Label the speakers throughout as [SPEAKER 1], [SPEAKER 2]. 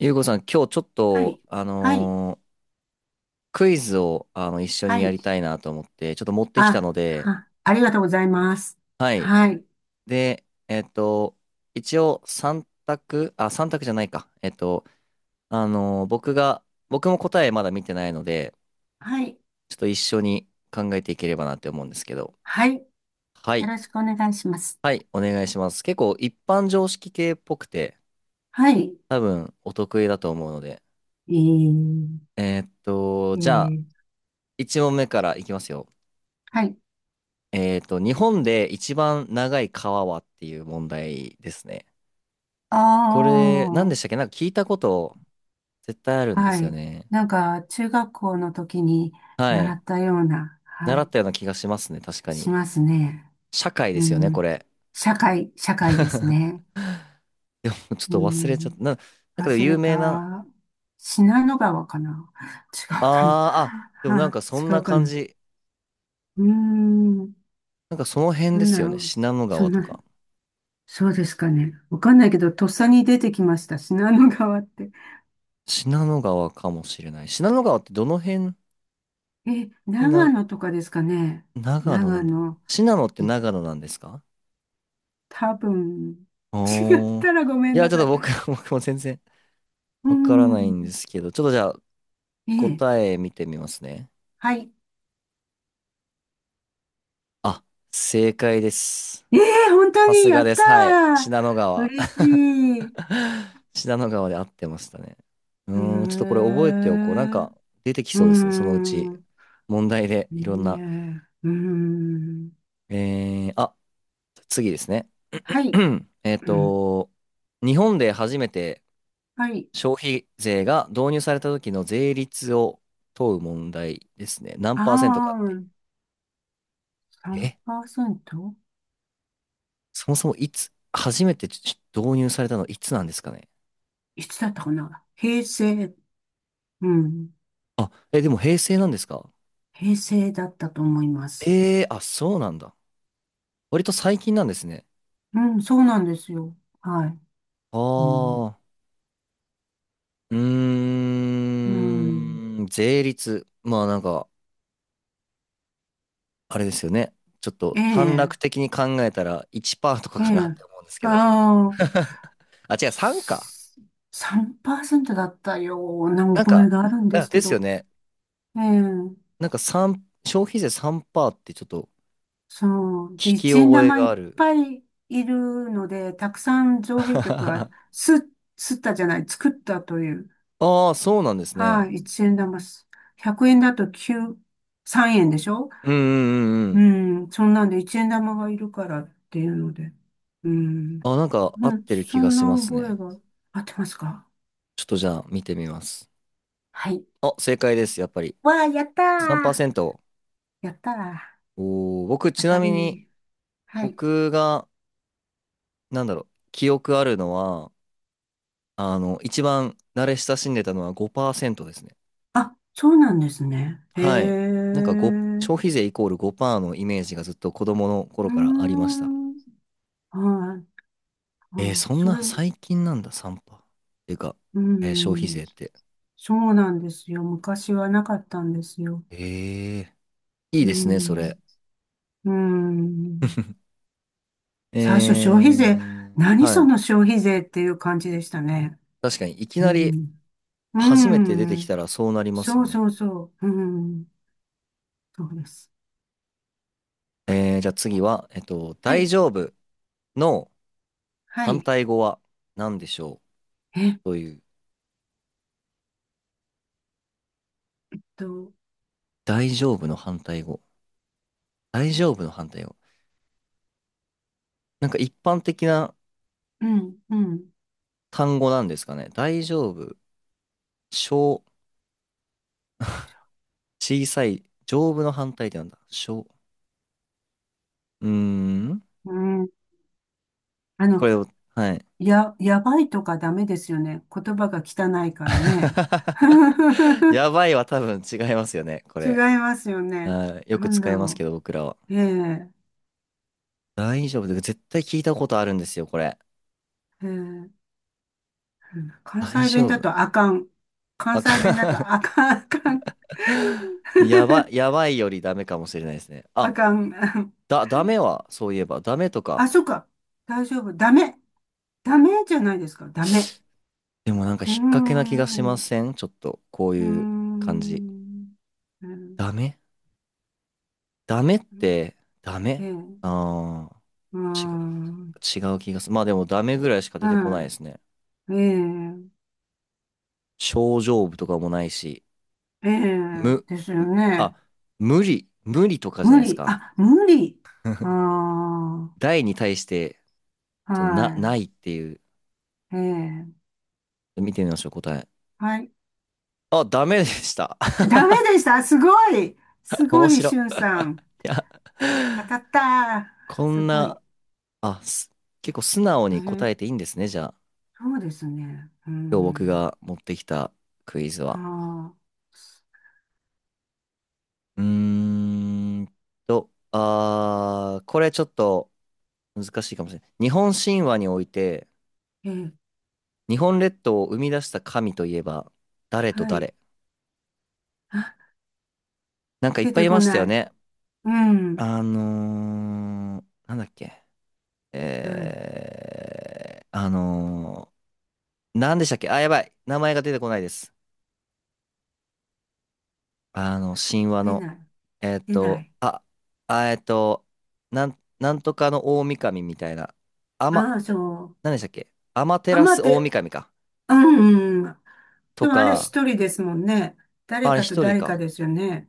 [SPEAKER 1] ゆうこさん、今日ちょっ
[SPEAKER 2] は
[SPEAKER 1] と、
[SPEAKER 2] い。はい。
[SPEAKER 1] クイズを、一緒に
[SPEAKER 2] は
[SPEAKER 1] や
[SPEAKER 2] い。
[SPEAKER 1] りたいなと思って、ちょっと持ってきた
[SPEAKER 2] あ、
[SPEAKER 1] ので。
[SPEAKER 2] ありがとうございます。
[SPEAKER 1] はい。
[SPEAKER 2] はい。
[SPEAKER 1] で、一応3択、あ、三択じゃないか。あのー僕が、僕も答えまだ見てないので、
[SPEAKER 2] はい。
[SPEAKER 1] ちょっと一緒に考えていければなって思うんですけど。
[SPEAKER 2] はい。
[SPEAKER 1] は
[SPEAKER 2] よ
[SPEAKER 1] い。
[SPEAKER 2] ろしくお願いします。
[SPEAKER 1] はい、お願いします。結構一般常識系っぽくて、
[SPEAKER 2] はい。
[SPEAKER 1] 多分お得意だと思うので、
[SPEAKER 2] えー、え
[SPEAKER 1] じゃあ、
[SPEAKER 2] ー、
[SPEAKER 1] 1問目からいきますよ。
[SPEAKER 2] はい。
[SPEAKER 1] 日本で一番長い川はっていう問題ですね。
[SPEAKER 2] あ
[SPEAKER 1] これ、何でしたっ
[SPEAKER 2] あ、
[SPEAKER 1] け。なんか聞いたこと絶対あるんで
[SPEAKER 2] は
[SPEAKER 1] すよ
[SPEAKER 2] い。
[SPEAKER 1] ね。
[SPEAKER 2] なんか、中学校の時に
[SPEAKER 1] は
[SPEAKER 2] 習
[SPEAKER 1] い。
[SPEAKER 2] ったような、は
[SPEAKER 1] 習っ
[SPEAKER 2] い。
[SPEAKER 1] たような気がしますね。確か
[SPEAKER 2] し
[SPEAKER 1] に。
[SPEAKER 2] ますね。
[SPEAKER 1] 社会で
[SPEAKER 2] う
[SPEAKER 1] すよね、こ
[SPEAKER 2] ん。
[SPEAKER 1] れ。
[SPEAKER 2] 社会、社会です ね。
[SPEAKER 1] でもちょっ
[SPEAKER 2] う
[SPEAKER 1] と忘れちゃっ
[SPEAKER 2] ん。
[SPEAKER 1] た。なんかでも
[SPEAKER 2] 忘れ
[SPEAKER 1] 有名な、
[SPEAKER 2] た。信濃川かな。 違うかな。
[SPEAKER 1] あーあ、でもなん
[SPEAKER 2] は
[SPEAKER 1] かそん
[SPEAKER 2] 違
[SPEAKER 1] な
[SPEAKER 2] うか
[SPEAKER 1] 感
[SPEAKER 2] な。
[SPEAKER 1] じ。
[SPEAKER 2] うーん、
[SPEAKER 1] なんかその辺
[SPEAKER 2] な
[SPEAKER 1] で
[SPEAKER 2] んだ
[SPEAKER 1] すよ
[SPEAKER 2] ろ
[SPEAKER 1] ね。
[SPEAKER 2] う。
[SPEAKER 1] 信濃
[SPEAKER 2] そ
[SPEAKER 1] 川
[SPEAKER 2] ん
[SPEAKER 1] と
[SPEAKER 2] な、
[SPEAKER 1] か。
[SPEAKER 2] そうですかね。わかんないけど、とっさに出てきました。信濃川って。
[SPEAKER 1] 信濃川かもしれない。信濃川ってどの辺
[SPEAKER 2] え、
[SPEAKER 1] に、
[SPEAKER 2] 長野とかですかね。
[SPEAKER 1] 長野な
[SPEAKER 2] 長
[SPEAKER 1] んだ。
[SPEAKER 2] 野。
[SPEAKER 1] 信濃って長野なんですか？
[SPEAKER 2] 多分、違っ
[SPEAKER 1] おー。
[SPEAKER 2] たらごめ
[SPEAKER 1] い
[SPEAKER 2] ん
[SPEAKER 1] や、
[SPEAKER 2] な
[SPEAKER 1] ちょっ
[SPEAKER 2] さ
[SPEAKER 1] と
[SPEAKER 2] い。
[SPEAKER 1] 僕も全然
[SPEAKER 2] うー
[SPEAKER 1] わからないんで
[SPEAKER 2] ん。
[SPEAKER 1] すけど、ちょっとじゃあ
[SPEAKER 2] ええ、
[SPEAKER 1] 答え見てみますね。
[SPEAKER 2] はい。
[SPEAKER 1] あ、正解です。
[SPEAKER 2] ええ、本当
[SPEAKER 1] さ
[SPEAKER 2] に、
[SPEAKER 1] す
[SPEAKER 2] や
[SPEAKER 1] が
[SPEAKER 2] っ
[SPEAKER 1] で
[SPEAKER 2] た
[SPEAKER 1] す。はい。信濃
[SPEAKER 2] ー。
[SPEAKER 1] 川。
[SPEAKER 2] 嬉しい。
[SPEAKER 1] 信濃川で合ってましたね。う
[SPEAKER 2] へえ、
[SPEAKER 1] ーん、ちょっとこれ覚えておこう。なん
[SPEAKER 2] う
[SPEAKER 1] か出てき
[SPEAKER 2] ー
[SPEAKER 1] そうですね。そのうち。
[SPEAKER 2] ん。
[SPEAKER 1] 問題でいろんな。
[SPEAKER 2] ねえ、うーん。
[SPEAKER 1] あ、次ですね。
[SPEAKER 2] はい。
[SPEAKER 1] えっ
[SPEAKER 2] うん。
[SPEAKER 1] と、日本で初めて
[SPEAKER 2] はい。
[SPEAKER 1] 消費税が導入された時の税率を問う問題ですね。何パーセントか
[SPEAKER 2] あ
[SPEAKER 1] って。
[SPEAKER 2] あ。
[SPEAKER 1] え、
[SPEAKER 2] 3%？
[SPEAKER 1] そもそもいつ、初めて導入されたのいつなんですかね。
[SPEAKER 2] いつだったかな、平成、うん、
[SPEAKER 1] あ、え、でも平成なんですか？
[SPEAKER 2] 平成だったと思います。
[SPEAKER 1] ええー、あ、そうなんだ。割と最近なんですね。
[SPEAKER 2] うん、そうなんですよ。はい。
[SPEAKER 1] あ
[SPEAKER 2] うん。
[SPEAKER 1] あ、う
[SPEAKER 2] うん。
[SPEAKER 1] ーん、税率。まあなんか、あれですよね。ちょっ
[SPEAKER 2] え
[SPEAKER 1] と短
[SPEAKER 2] え、
[SPEAKER 1] 絡的に考えたら1%と
[SPEAKER 2] え
[SPEAKER 1] かかなって思うんですけ
[SPEAKER 2] え。
[SPEAKER 1] ど。
[SPEAKER 2] ああ、
[SPEAKER 1] あ、違う、3か。
[SPEAKER 2] 3%だったような
[SPEAKER 1] なん
[SPEAKER 2] 覚え
[SPEAKER 1] か、
[SPEAKER 2] があるんで
[SPEAKER 1] あ
[SPEAKER 2] す
[SPEAKER 1] で
[SPEAKER 2] け
[SPEAKER 1] すよ
[SPEAKER 2] ど、
[SPEAKER 1] ね。
[SPEAKER 2] ええ、
[SPEAKER 1] なんか消費税3%ってちょっと
[SPEAKER 2] そう。で、
[SPEAKER 1] 聞き
[SPEAKER 2] 一円
[SPEAKER 1] 覚え
[SPEAKER 2] 玉
[SPEAKER 1] が
[SPEAKER 2] いっ
[SPEAKER 1] ある。
[SPEAKER 2] ぱいいるので、たくさん造 幣局がすったじゃない、作ったという。
[SPEAKER 1] ああ、そうなんです
[SPEAKER 2] は
[SPEAKER 1] ね。
[SPEAKER 2] い、一円玉す。100円だと9、3円でしょ。
[SPEAKER 1] うんうんうんう
[SPEAKER 2] う
[SPEAKER 1] ん。
[SPEAKER 2] ん、そんなんで一円玉がいるからっていうので。うん。
[SPEAKER 1] あ、なんか合
[SPEAKER 2] う
[SPEAKER 1] っ
[SPEAKER 2] ん
[SPEAKER 1] てる
[SPEAKER 2] そ
[SPEAKER 1] 気が
[SPEAKER 2] ん
[SPEAKER 1] し
[SPEAKER 2] な
[SPEAKER 1] ます
[SPEAKER 2] 覚
[SPEAKER 1] ね。
[SPEAKER 2] えが。合ってますか？
[SPEAKER 1] ちょっとじゃあ見てみます。
[SPEAKER 2] はい。
[SPEAKER 1] あ、正解です、やっぱり。
[SPEAKER 2] わあ、やったー。
[SPEAKER 1] 3%。
[SPEAKER 2] やったー。
[SPEAKER 1] おー、僕
[SPEAKER 2] 当
[SPEAKER 1] ちな
[SPEAKER 2] た
[SPEAKER 1] みに、
[SPEAKER 2] り。はい。
[SPEAKER 1] 僕が、なんだろう、記憶あるのは、一番慣れ親しんでたのは5%ですね。
[SPEAKER 2] あ、そうなんですね。へ
[SPEAKER 1] はい。
[SPEAKER 2] え。
[SPEAKER 1] なんか5、
[SPEAKER 2] う
[SPEAKER 1] 消費税イコール5%のイメージがずっと子供の頃
[SPEAKER 2] ー
[SPEAKER 1] からありました。
[SPEAKER 2] ん。はい。あ、
[SPEAKER 1] そん
[SPEAKER 2] それ、
[SPEAKER 1] な最近なんだ、3パー。てか、
[SPEAKER 2] う
[SPEAKER 1] 消費
[SPEAKER 2] ん。
[SPEAKER 1] 税って。
[SPEAKER 2] そうなんですよ。昔はなかったんですよ。
[SPEAKER 1] ええ、いい
[SPEAKER 2] う
[SPEAKER 1] ですね、それ。
[SPEAKER 2] ん。うん。
[SPEAKER 1] え
[SPEAKER 2] 最初消費税、何
[SPEAKER 1] は
[SPEAKER 2] そ
[SPEAKER 1] い。
[SPEAKER 2] の消費税っていう感じでしたね。
[SPEAKER 1] 確かに、いき
[SPEAKER 2] う
[SPEAKER 1] なり
[SPEAKER 2] ん。う
[SPEAKER 1] 初めて出てきた
[SPEAKER 2] ん。
[SPEAKER 1] らそうなります
[SPEAKER 2] そ
[SPEAKER 1] よ
[SPEAKER 2] う
[SPEAKER 1] ね。
[SPEAKER 2] そうそう。うん。そうです。
[SPEAKER 1] じゃあ次は、
[SPEAKER 2] は
[SPEAKER 1] 大
[SPEAKER 2] い。
[SPEAKER 1] 丈夫の
[SPEAKER 2] は
[SPEAKER 1] 反
[SPEAKER 2] い。
[SPEAKER 1] 対語は何でしょ
[SPEAKER 2] えっ
[SPEAKER 1] うという、
[SPEAKER 2] と、
[SPEAKER 1] 大丈夫の反対語。大丈夫の反対語。なんか一般的な
[SPEAKER 2] うん、うん。
[SPEAKER 1] 単語なんですかね。大丈夫、小、小さい、丈夫の反対ってなんだ。うーん。
[SPEAKER 2] うん。あの、
[SPEAKER 1] これを、はい。
[SPEAKER 2] やばいとかダメですよね。言葉が汚いからね。
[SPEAKER 1] や ばいは多分違いますよね、こ
[SPEAKER 2] 違い
[SPEAKER 1] れ。
[SPEAKER 2] ますよね。
[SPEAKER 1] あー、よ
[SPEAKER 2] な
[SPEAKER 1] く
[SPEAKER 2] んだ
[SPEAKER 1] 使いますけ
[SPEAKER 2] ろ
[SPEAKER 1] ど、僕らは。
[SPEAKER 2] う。ええ、
[SPEAKER 1] 大丈夫で、絶対聞いたことあるんですよ、これ。
[SPEAKER 2] ええ、うん。関
[SPEAKER 1] 大
[SPEAKER 2] 西弁
[SPEAKER 1] 丈
[SPEAKER 2] だ
[SPEAKER 1] 夫
[SPEAKER 2] とあかん。関
[SPEAKER 1] あ
[SPEAKER 2] 西弁だと
[SPEAKER 1] か
[SPEAKER 2] あかん、あかん。
[SPEAKER 1] やばいよりダメかもしれないですね。
[SPEAKER 2] あ
[SPEAKER 1] あ、
[SPEAKER 2] かん。
[SPEAKER 1] ダメは、そういえば、ダメとか。
[SPEAKER 2] あ、そっか。大丈夫。ダメ。ダメじゃないですか。ダメ。
[SPEAKER 1] でもなんか
[SPEAKER 2] う
[SPEAKER 1] 引
[SPEAKER 2] ー
[SPEAKER 1] っ掛けな気がしま
[SPEAKER 2] ん。う
[SPEAKER 1] せん？ちょっと、こう
[SPEAKER 2] ー
[SPEAKER 1] いう感じ。
[SPEAKER 2] ん。うん。
[SPEAKER 1] ダメダメって、ダ
[SPEAKER 2] え
[SPEAKER 1] メ、
[SPEAKER 2] え。う
[SPEAKER 1] ああ
[SPEAKER 2] ー
[SPEAKER 1] ー、
[SPEAKER 2] ん。
[SPEAKER 1] 違う気がする。まあでも、ダメぐらいしか出てこない
[SPEAKER 2] は
[SPEAKER 1] ですね。
[SPEAKER 2] い。ええ。
[SPEAKER 1] 症状部とかもないし、
[SPEAKER 2] ええ。
[SPEAKER 1] 無、
[SPEAKER 2] ですよ
[SPEAKER 1] あ、
[SPEAKER 2] ね。
[SPEAKER 1] 無理とかじゃ
[SPEAKER 2] 無
[SPEAKER 1] ないです
[SPEAKER 2] 理。
[SPEAKER 1] か。
[SPEAKER 2] あ、無理。あ
[SPEAKER 1] 大に対して、
[SPEAKER 2] あ。
[SPEAKER 1] ないっ
[SPEAKER 2] は
[SPEAKER 1] ていう、
[SPEAKER 2] い。ええ。
[SPEAKER 1] 見てみましょう、答え。
[SPEAKER 2] はい。
[SPEAKER 1] あ、ダメでした。
[SPEAKER 2] ダメでした。すごい。すご
[SPEAKER 1] 面
[SPEAKER 2] い、
[SPEAKER 1] 白
[SPEAKER 2] し
[SPEAKER 1] い。
[SPEAKER 2] ゅんさん。
[SPEAKER 1] いや、
[SPEAKER 2] 当たった。
[SPEAKER 1] こ
[SPEAKER 2] す
[SPEAKER 1] ん
[SPEAKER 2] ごい。
[SPEAKER 1] な、あ、結構素直
[SPEAKER 2] え
[SPEAKER 1] に答
[SPEAKER 2] え。
[SPEAKER 1] えていいんですね、じゃあ。
[SPEAKER 2] そうですね。うー
[SPEAKER 1] 今日僕
[SPEAKER 2] ん。
[SPEAKER 1] が持ってきたクイズ
[SPEAKER 2] は
[SPEAKER 1] は。
[SPEAKER 2] あ、
[SPEAKER 1] うーんあー、これちょっと難しいかもしれない。日本神話において、
[SPEAKER 2] ええ、
[SPEAKER 1] 日本列島を生み出した神といえば、誰と
[SPEAKER 2] はい。
[SPEAKER 1] 誰？
[SPEAKER 2] あ、
[SPEAKER 1] なんかいっ
[SPEAKER 2] 出
[SPEAKER 1] ぱい
[SPEAKER 2] て
[SPEAKER 1] い
[SPEAKER 2] こ
[SPEAKER 1] ました
[SPEAKER 2] な
[SPEAKER 1] よ
[SPEAKER 2] い。
[SPEAKER 1] ね。
[SPEAKER 2] うん。
[SPEAKER 1] なんだっけ。
[SPEAKER 2] はい。
[SPEAKER 1] えー、あのなんでしたっけ？あ、やばい。名前が出てこないです。神話
[SPEAKER 2] 出
[SPEAKER 1] の。
[SPEAKER 2] ない。出ない。
[SPEAKER 1] あ、あ、なんとかの大神みたいな。あま、
[SPEAKER 2] ああ、そう。
[SPEAKER 1] なんでしたっけ？アマテ
[SPEAKER 2] あ、
[SPEAKER 1] ラス
[SPEAKER 2] 待っ
[SPEAKER 1] 大
[SPEAKER 2] て。
[SPEAKER 1] 神か。
[SPEAKER 2] うん。で
[SPEAKER 1] と
[SPEAKER 2] もあれ
[SPEAKER 1] か、
[SPEAKER 2] 一人ですもんね。誰
[SPEAKER 1] あれ
[SPEAKER 2] かと
[SPEAKER 1] 一人
[SPEAKER 2] 誰か
[SPEAKER 1] か。
[SPEAKER 2] ですよね。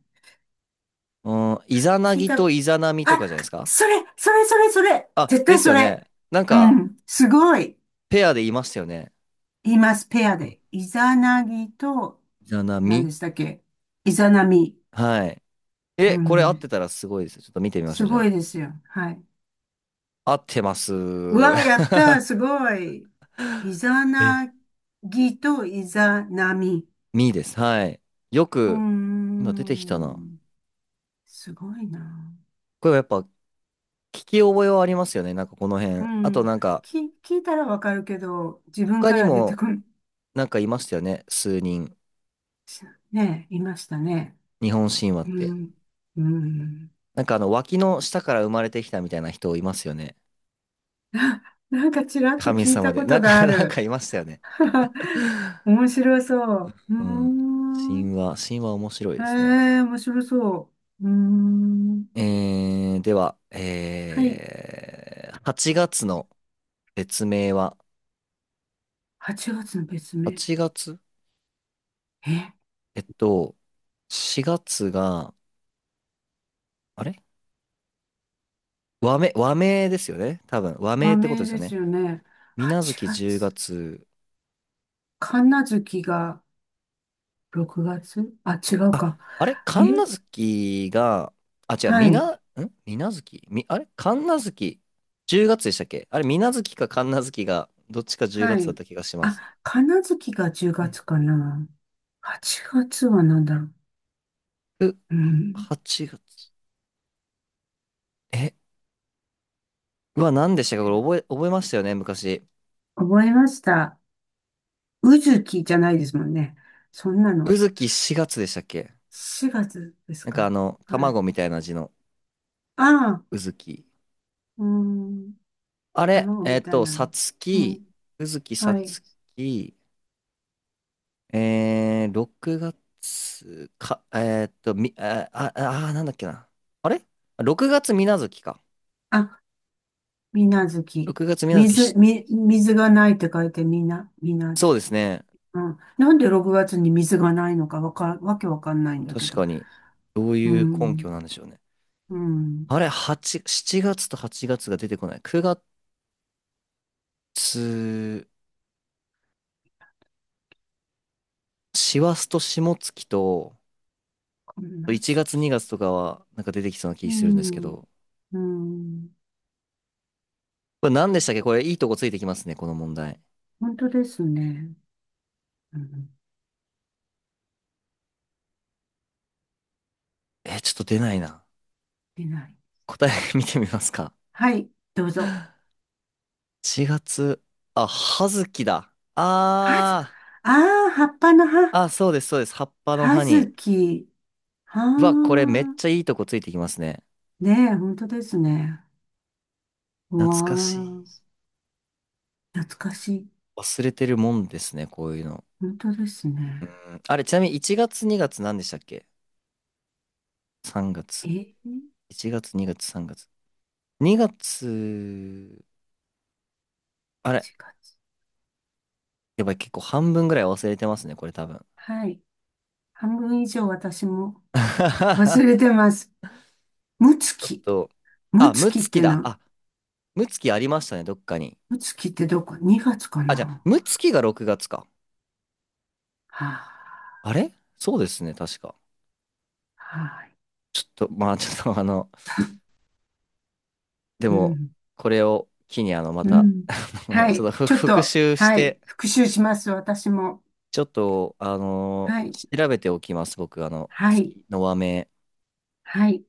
[SPEAKER 1] うん、イザナ
[SPEAKER 2] 聞い
[SPEAKER 1] ギ
[SPEAKER 2] た。
[SPEAKER 1] とイザナミと
[SPEAKER 2] あ、
[SPEAKER 1] かじゃないですか？
[SPEAKER 2] それ、それ、それ、それ。
[SPEAKER 1] あ、
[SPEAKER 2] 絶
[SPEAKER 1] で
[SPEAKER 2] 対
[SPEAKER 1] す
[SPEAKER 2] そ
[SPEAKER 1] よ
[SPEAKER 2] れ。
[SPEAKER 1] ね。なん
[SPEAKER 2] う
[SPEAKER 1] か、
[SPEAKER 2] ん。すごい。
[SPEAKER 1] ペアでいましたよね。
[SPEAKER 2] 言います。ペアで。イザナギと、
[SPEAKER 1] じゃな
[SPEAKER 2] 何
[SPEAKER 1] み。
[SPEAKER 2] でしたっけ？イザナミ。
[SPEAKER 1] はい。
[SPEAKER 2] う
[SPEAKER 1] え、これ合っ
[SPEAKER 2] ん。
[SPEAKER 1] てたらすごいです。ちょっと見てみましょ
[SPEAKER 2] す
[SPEAKER 1] う、じ
[SPEAKER 2] ご
[SPEAKER 1] ゃ
[SPEAKER 2] いですよ。はい。
[SPEAKER 1] あ。合ってます。
[SPEAKER 2] うわ、やった、す ごい。イザ
[SPEAKER 1] え、
[SPEAKER 2] ナギとイザナミ。
[SPEAKER 1] みです。はい。よ
[SPEAKER 2] うー
[SPEAKER 1] く、今出てきたな。
[SPEAKER 2] ん、すごいな。
[SPEAKER 1] これはやっぱ、聞き覚えはありますよね。なんかこの
[SPEAKER 2] う
[SPEAKER 1] 辺。あと
[SPEAKER 2] ん、
[SPEAKER 1] なんか、
[SPEAKER 2] 聞いたらわかるけど、自分
[SPEAKER 1] 他
[SPEAKER 2] か
[SPEAKER 1] に
[SPEAKER 2] ら出て
[SPEAKER 1] も、
[SPEAKER 2] こん、
[SPEAKER 1] なんかいましたよね。数人。
[SPEAKER 2] し、ね、いましたね。
[SPEAKER 1] 日本神話
[SPEAKER 2] う
[SPEAKER 1] って。
[SPEAKER 2] ん、うん。
[SPEAKER 1] なんか脇の下から生まれてきたみたいな人いますよね。
[SPEAKER 2] なんかちらっと
[SPEAKER 1] 神
[SPEAKER 2] 聞い
[SPEAKER 1] 様
[SPEAKER 2] た
[SPEAKER 1] で。
[SPEAKER 2] こ
[SPEAKER 1] な
[SPEAKER 2] と
[SPEAKER 1] んか、
[SPEAKER 2] が あ
[SPEAKER 1] なん
[SPEAKER 2] る。
[SPEAKER 1] かいましたよね。
[SPEAKER 2] 面白そう。うー
[SPEAKER 1] うん。
[SPEAKER 2] ん。
[SPEAKER 1] 神話面白い
[SPEAKER 2] え
[SPEAKER 1] ですね。
[SPEAKER 2] え、面白そう。うーん。
[SPEAKER 1] では、
[SPEAKER 2] はい。
[SPEAKER 1] 8月の別名は、
[SPEAKER 2] 8月の別名。
[SPEAKER 1] 8月
[SPEAKER 2] え、
[SPEAKER 1] えっと、4月が、あれ和名ですよね。多分、和名
[SPEAKER 2] 和
[SPEAKER 1] ってこと
[SPEAKER 2] 名
[SPEAKER 1] です
[SPEAKER 2] で
[SPEAKER 1] よね。
[SPEAKER 2] すよね。
[SPEAKER 1] 水無
[SPEAKER 2] 8
[SPEAKER 1] 月10
[SPEAKER 2] 月。
[SPEAKER 1] 月、
[SPEAKER 2] 神無月が6月。あ、違う
[SPEAKER 1] あ、
[SPEAKER 2] か。
[SPEAKER 1] あれ
[SPEAKER 2] え、
[SPEAKER 1] 神無月が、あ、違う、
[SPEAKER 2] は
[SPEAKER 1] みな、ん
[SPEAKER 2] い。
[SPEAKER 1] 水無月あれ神無月10月でしたっけ？あれ、水無月か神無月が、どっちか10
[SPEAKER 2] は
[SPEAKER 1] 月だっ
[SPEAKER 2] い。
[SPEAKER 1] た気がします。
[SPEAKER 2] あ、神無月が10
[SPEAKER 1] うん
[SPEAKER 2] 月かな。8月は何だろう。
[SPEAKER 1] ふ
[SPEAKER 2] うん。
[SPEAKER 1] 8月。え、うわ、何でしたか？これ覚えましたよね昔。
[SPEAKER 2] 覚えました。うずきじゃないですもんね。そんな
[SPEAKER 1] う
[SPEAKER 2] の。
[SPEAKER 1] ずき4月でしたっけ？
[SPEAKER 2] 4月です
[SPEAKER 1] なんか
[SPEAKER 2] か。はい。
[SPEAKER 1] 卵みたいな字の
[SPEAKER 2] ああ、
[SPEAKER 1] うずき。
[SPEAKER 2] うーん。
[SPEAKER 1] あれ、
[SPEAKER 2] 卵みたいな
[SPEAKER 1] さ
[SPEAKER 2] の。
[SPEAKER 1] つ
[SPEAKER 2] う
[SPEAKER 1] き、
[SPEAKER 2] ん。
[SPEAKER 1] うずきさ
[SPEAKER 2] はい。
[SPEAKER 1] つき、6月か、あ、あ、あ、なんだっけな。あれ？ 6 月みな月か。
[SPEAKER 2] あ、みなずき。
[SPEAKER 1] 6月みな月
[SPEAKER 2] 水、み、水がないって書いてみな、みな
[SPEAKER 1] そう
[SPEAKER 2] ず
[SPEAKER 1] です
[SPEAKER 2] き。
[SPEAKER 1] ね。
[SPEAKER 2] うん。なんで6月に水がないのかわけわかんないんだけ
[SPEAKER 1] 確
[SPEAKER 2] ど。
[SPEAKER 1] かに。どう
[SPEAKER 2] う
[SPEAKER 1] いう根拠
[SPEAKER 2] ん。
[SPEAKER 1] なんでしょうね。
[SPEAKER 2] うん。
[SPEAKER 1] あれ、8、7月と8月が出てこない。9月、師走と霜月と、
[SPEAKER 2] みな
[SPEAKER 1] 1
[SPEAKER 2] ず
[SPEAKER 1] 月
[SPEAKER 2] き。
[SPEAKER 1] 2月とかは、なんか出てきそうな気
[SPEAKER 2] う
[SPEAKER 1] するんですけ
[SPEAKER 2] ん。
[SPEAKER 1] ど、
[SPEAKER 2] うん。
[SPEAKER 1] これ何でしたっけ？これいいとこついてきますね、この問題。
[SPEAKER 2] 本当ですね。うん。
[SPEAKER 1] ちょっと出ないな。
[SPEAKER 2] いない。
[SPEAKER 1] 答え 見てみますか。
[SPEAKER 2] はい。どうぞ。
[SPEAKER 1] 4月、あ、葉月だ。
[SPEAKER 2] はず、
[SPEAKER 1] あ
[SPEAKER 2] ああ、葉っぱの
[SPEAKER 1] ー、
[SPEAKER 2] 葉。
[SPEAKER 1] あ、そうです、そうです。葉っぱの
[SPEAKER 2] は
[SPEAKER 1] 葉に。
[SPEAKER 2] ずき。は
[SPEAKER 1] うわ、これめっ
[SPEAKER 2] あ。
[SPEAKER 1] ちゃいいとこついてきますね。
[SPEAKER 2] ねえ、本当ですね。うわ
[SPEAKER 1] 懐かしい。
[SPEAKER 2] あ。懐かしい。
[SPEAKER 1] 忘れてるもんですね、こういうの。
[SPEAKER 2] 本当です
[SPEAKER 1] う
[SPEAKER 2] ね。
[SPEAKER 1] ん、あれ、ちなみに1月2月何でしたっけ？ 3 月。
[SPEAKER 2] え、
[SPEAKER 1] 1月2月3月。2月、あれ、
[SPEAKER 2] 7月。
[SPEAKER 1] やばい、結構半分ぐらい忘れてますね、これ多分。
[SPEAKER 2] はい。半分以上私も忘 れてます。むつ
[SPEAKER 1] ちょっ
[SPEAKER 2] き。
[SPEAKER 1] と、
[SPEAKER 2] む
[SPEAKER 1] あ、
[SPEAKER 2] つ
[SPEAKER 1] ム
[SPEAKER 2] きっ
[SPEAKER 1] ツキ
[SPEAKER 2] て
[SPEAKER 1] だ。
[SPEAKER 2] な、
[SPEAKER 1] あ、ムツキありましたね、どっかに。
[SPEAKER 2] むつきってどこ？ 2 月か
[SPEAKER 1] あ、じゃあ、
[SPEAKER 2] な。
[SPEAKER 1] ムツキが6月か。
[SPEAKER 2] はあ、
[SPEAKER 1] あれ、そうですね、確か。
[SPEAKER 2] はい。
[SPEAKER 1] ちょっと、まあ、ちょっと、で
[SPEAKER 2] う
[SPEAKER 1] も、
[SPEAKER 2] ん。
[SPEAKER 1] これを機に、ま
[SPEAKER 2] う
[SPEAKER 1] た、
[SPEAKER 2] ん。は
[SPEAKER 1] ちょ
[SPEAKER 2] い。
[SPEAKER 1] っと
[SPEAKER 2] ちょっ
[SPEAKER 1] 復
[SPEAKER 2] と、
[SPEAKER 1] 習し
[SPEAKER 2] はい。
[SPEAKER 1] て、
[SPEAKER 2] 復習します。私も。
[SPEAKER 1] ちょっと、
[SPEAKER 2] はい。
[SPEAKER 1] 調べておきます、僕、
[SPEAKER 2] はい。
[SPEAKER 1] 月の和名。
[SPEAKER 2] はい。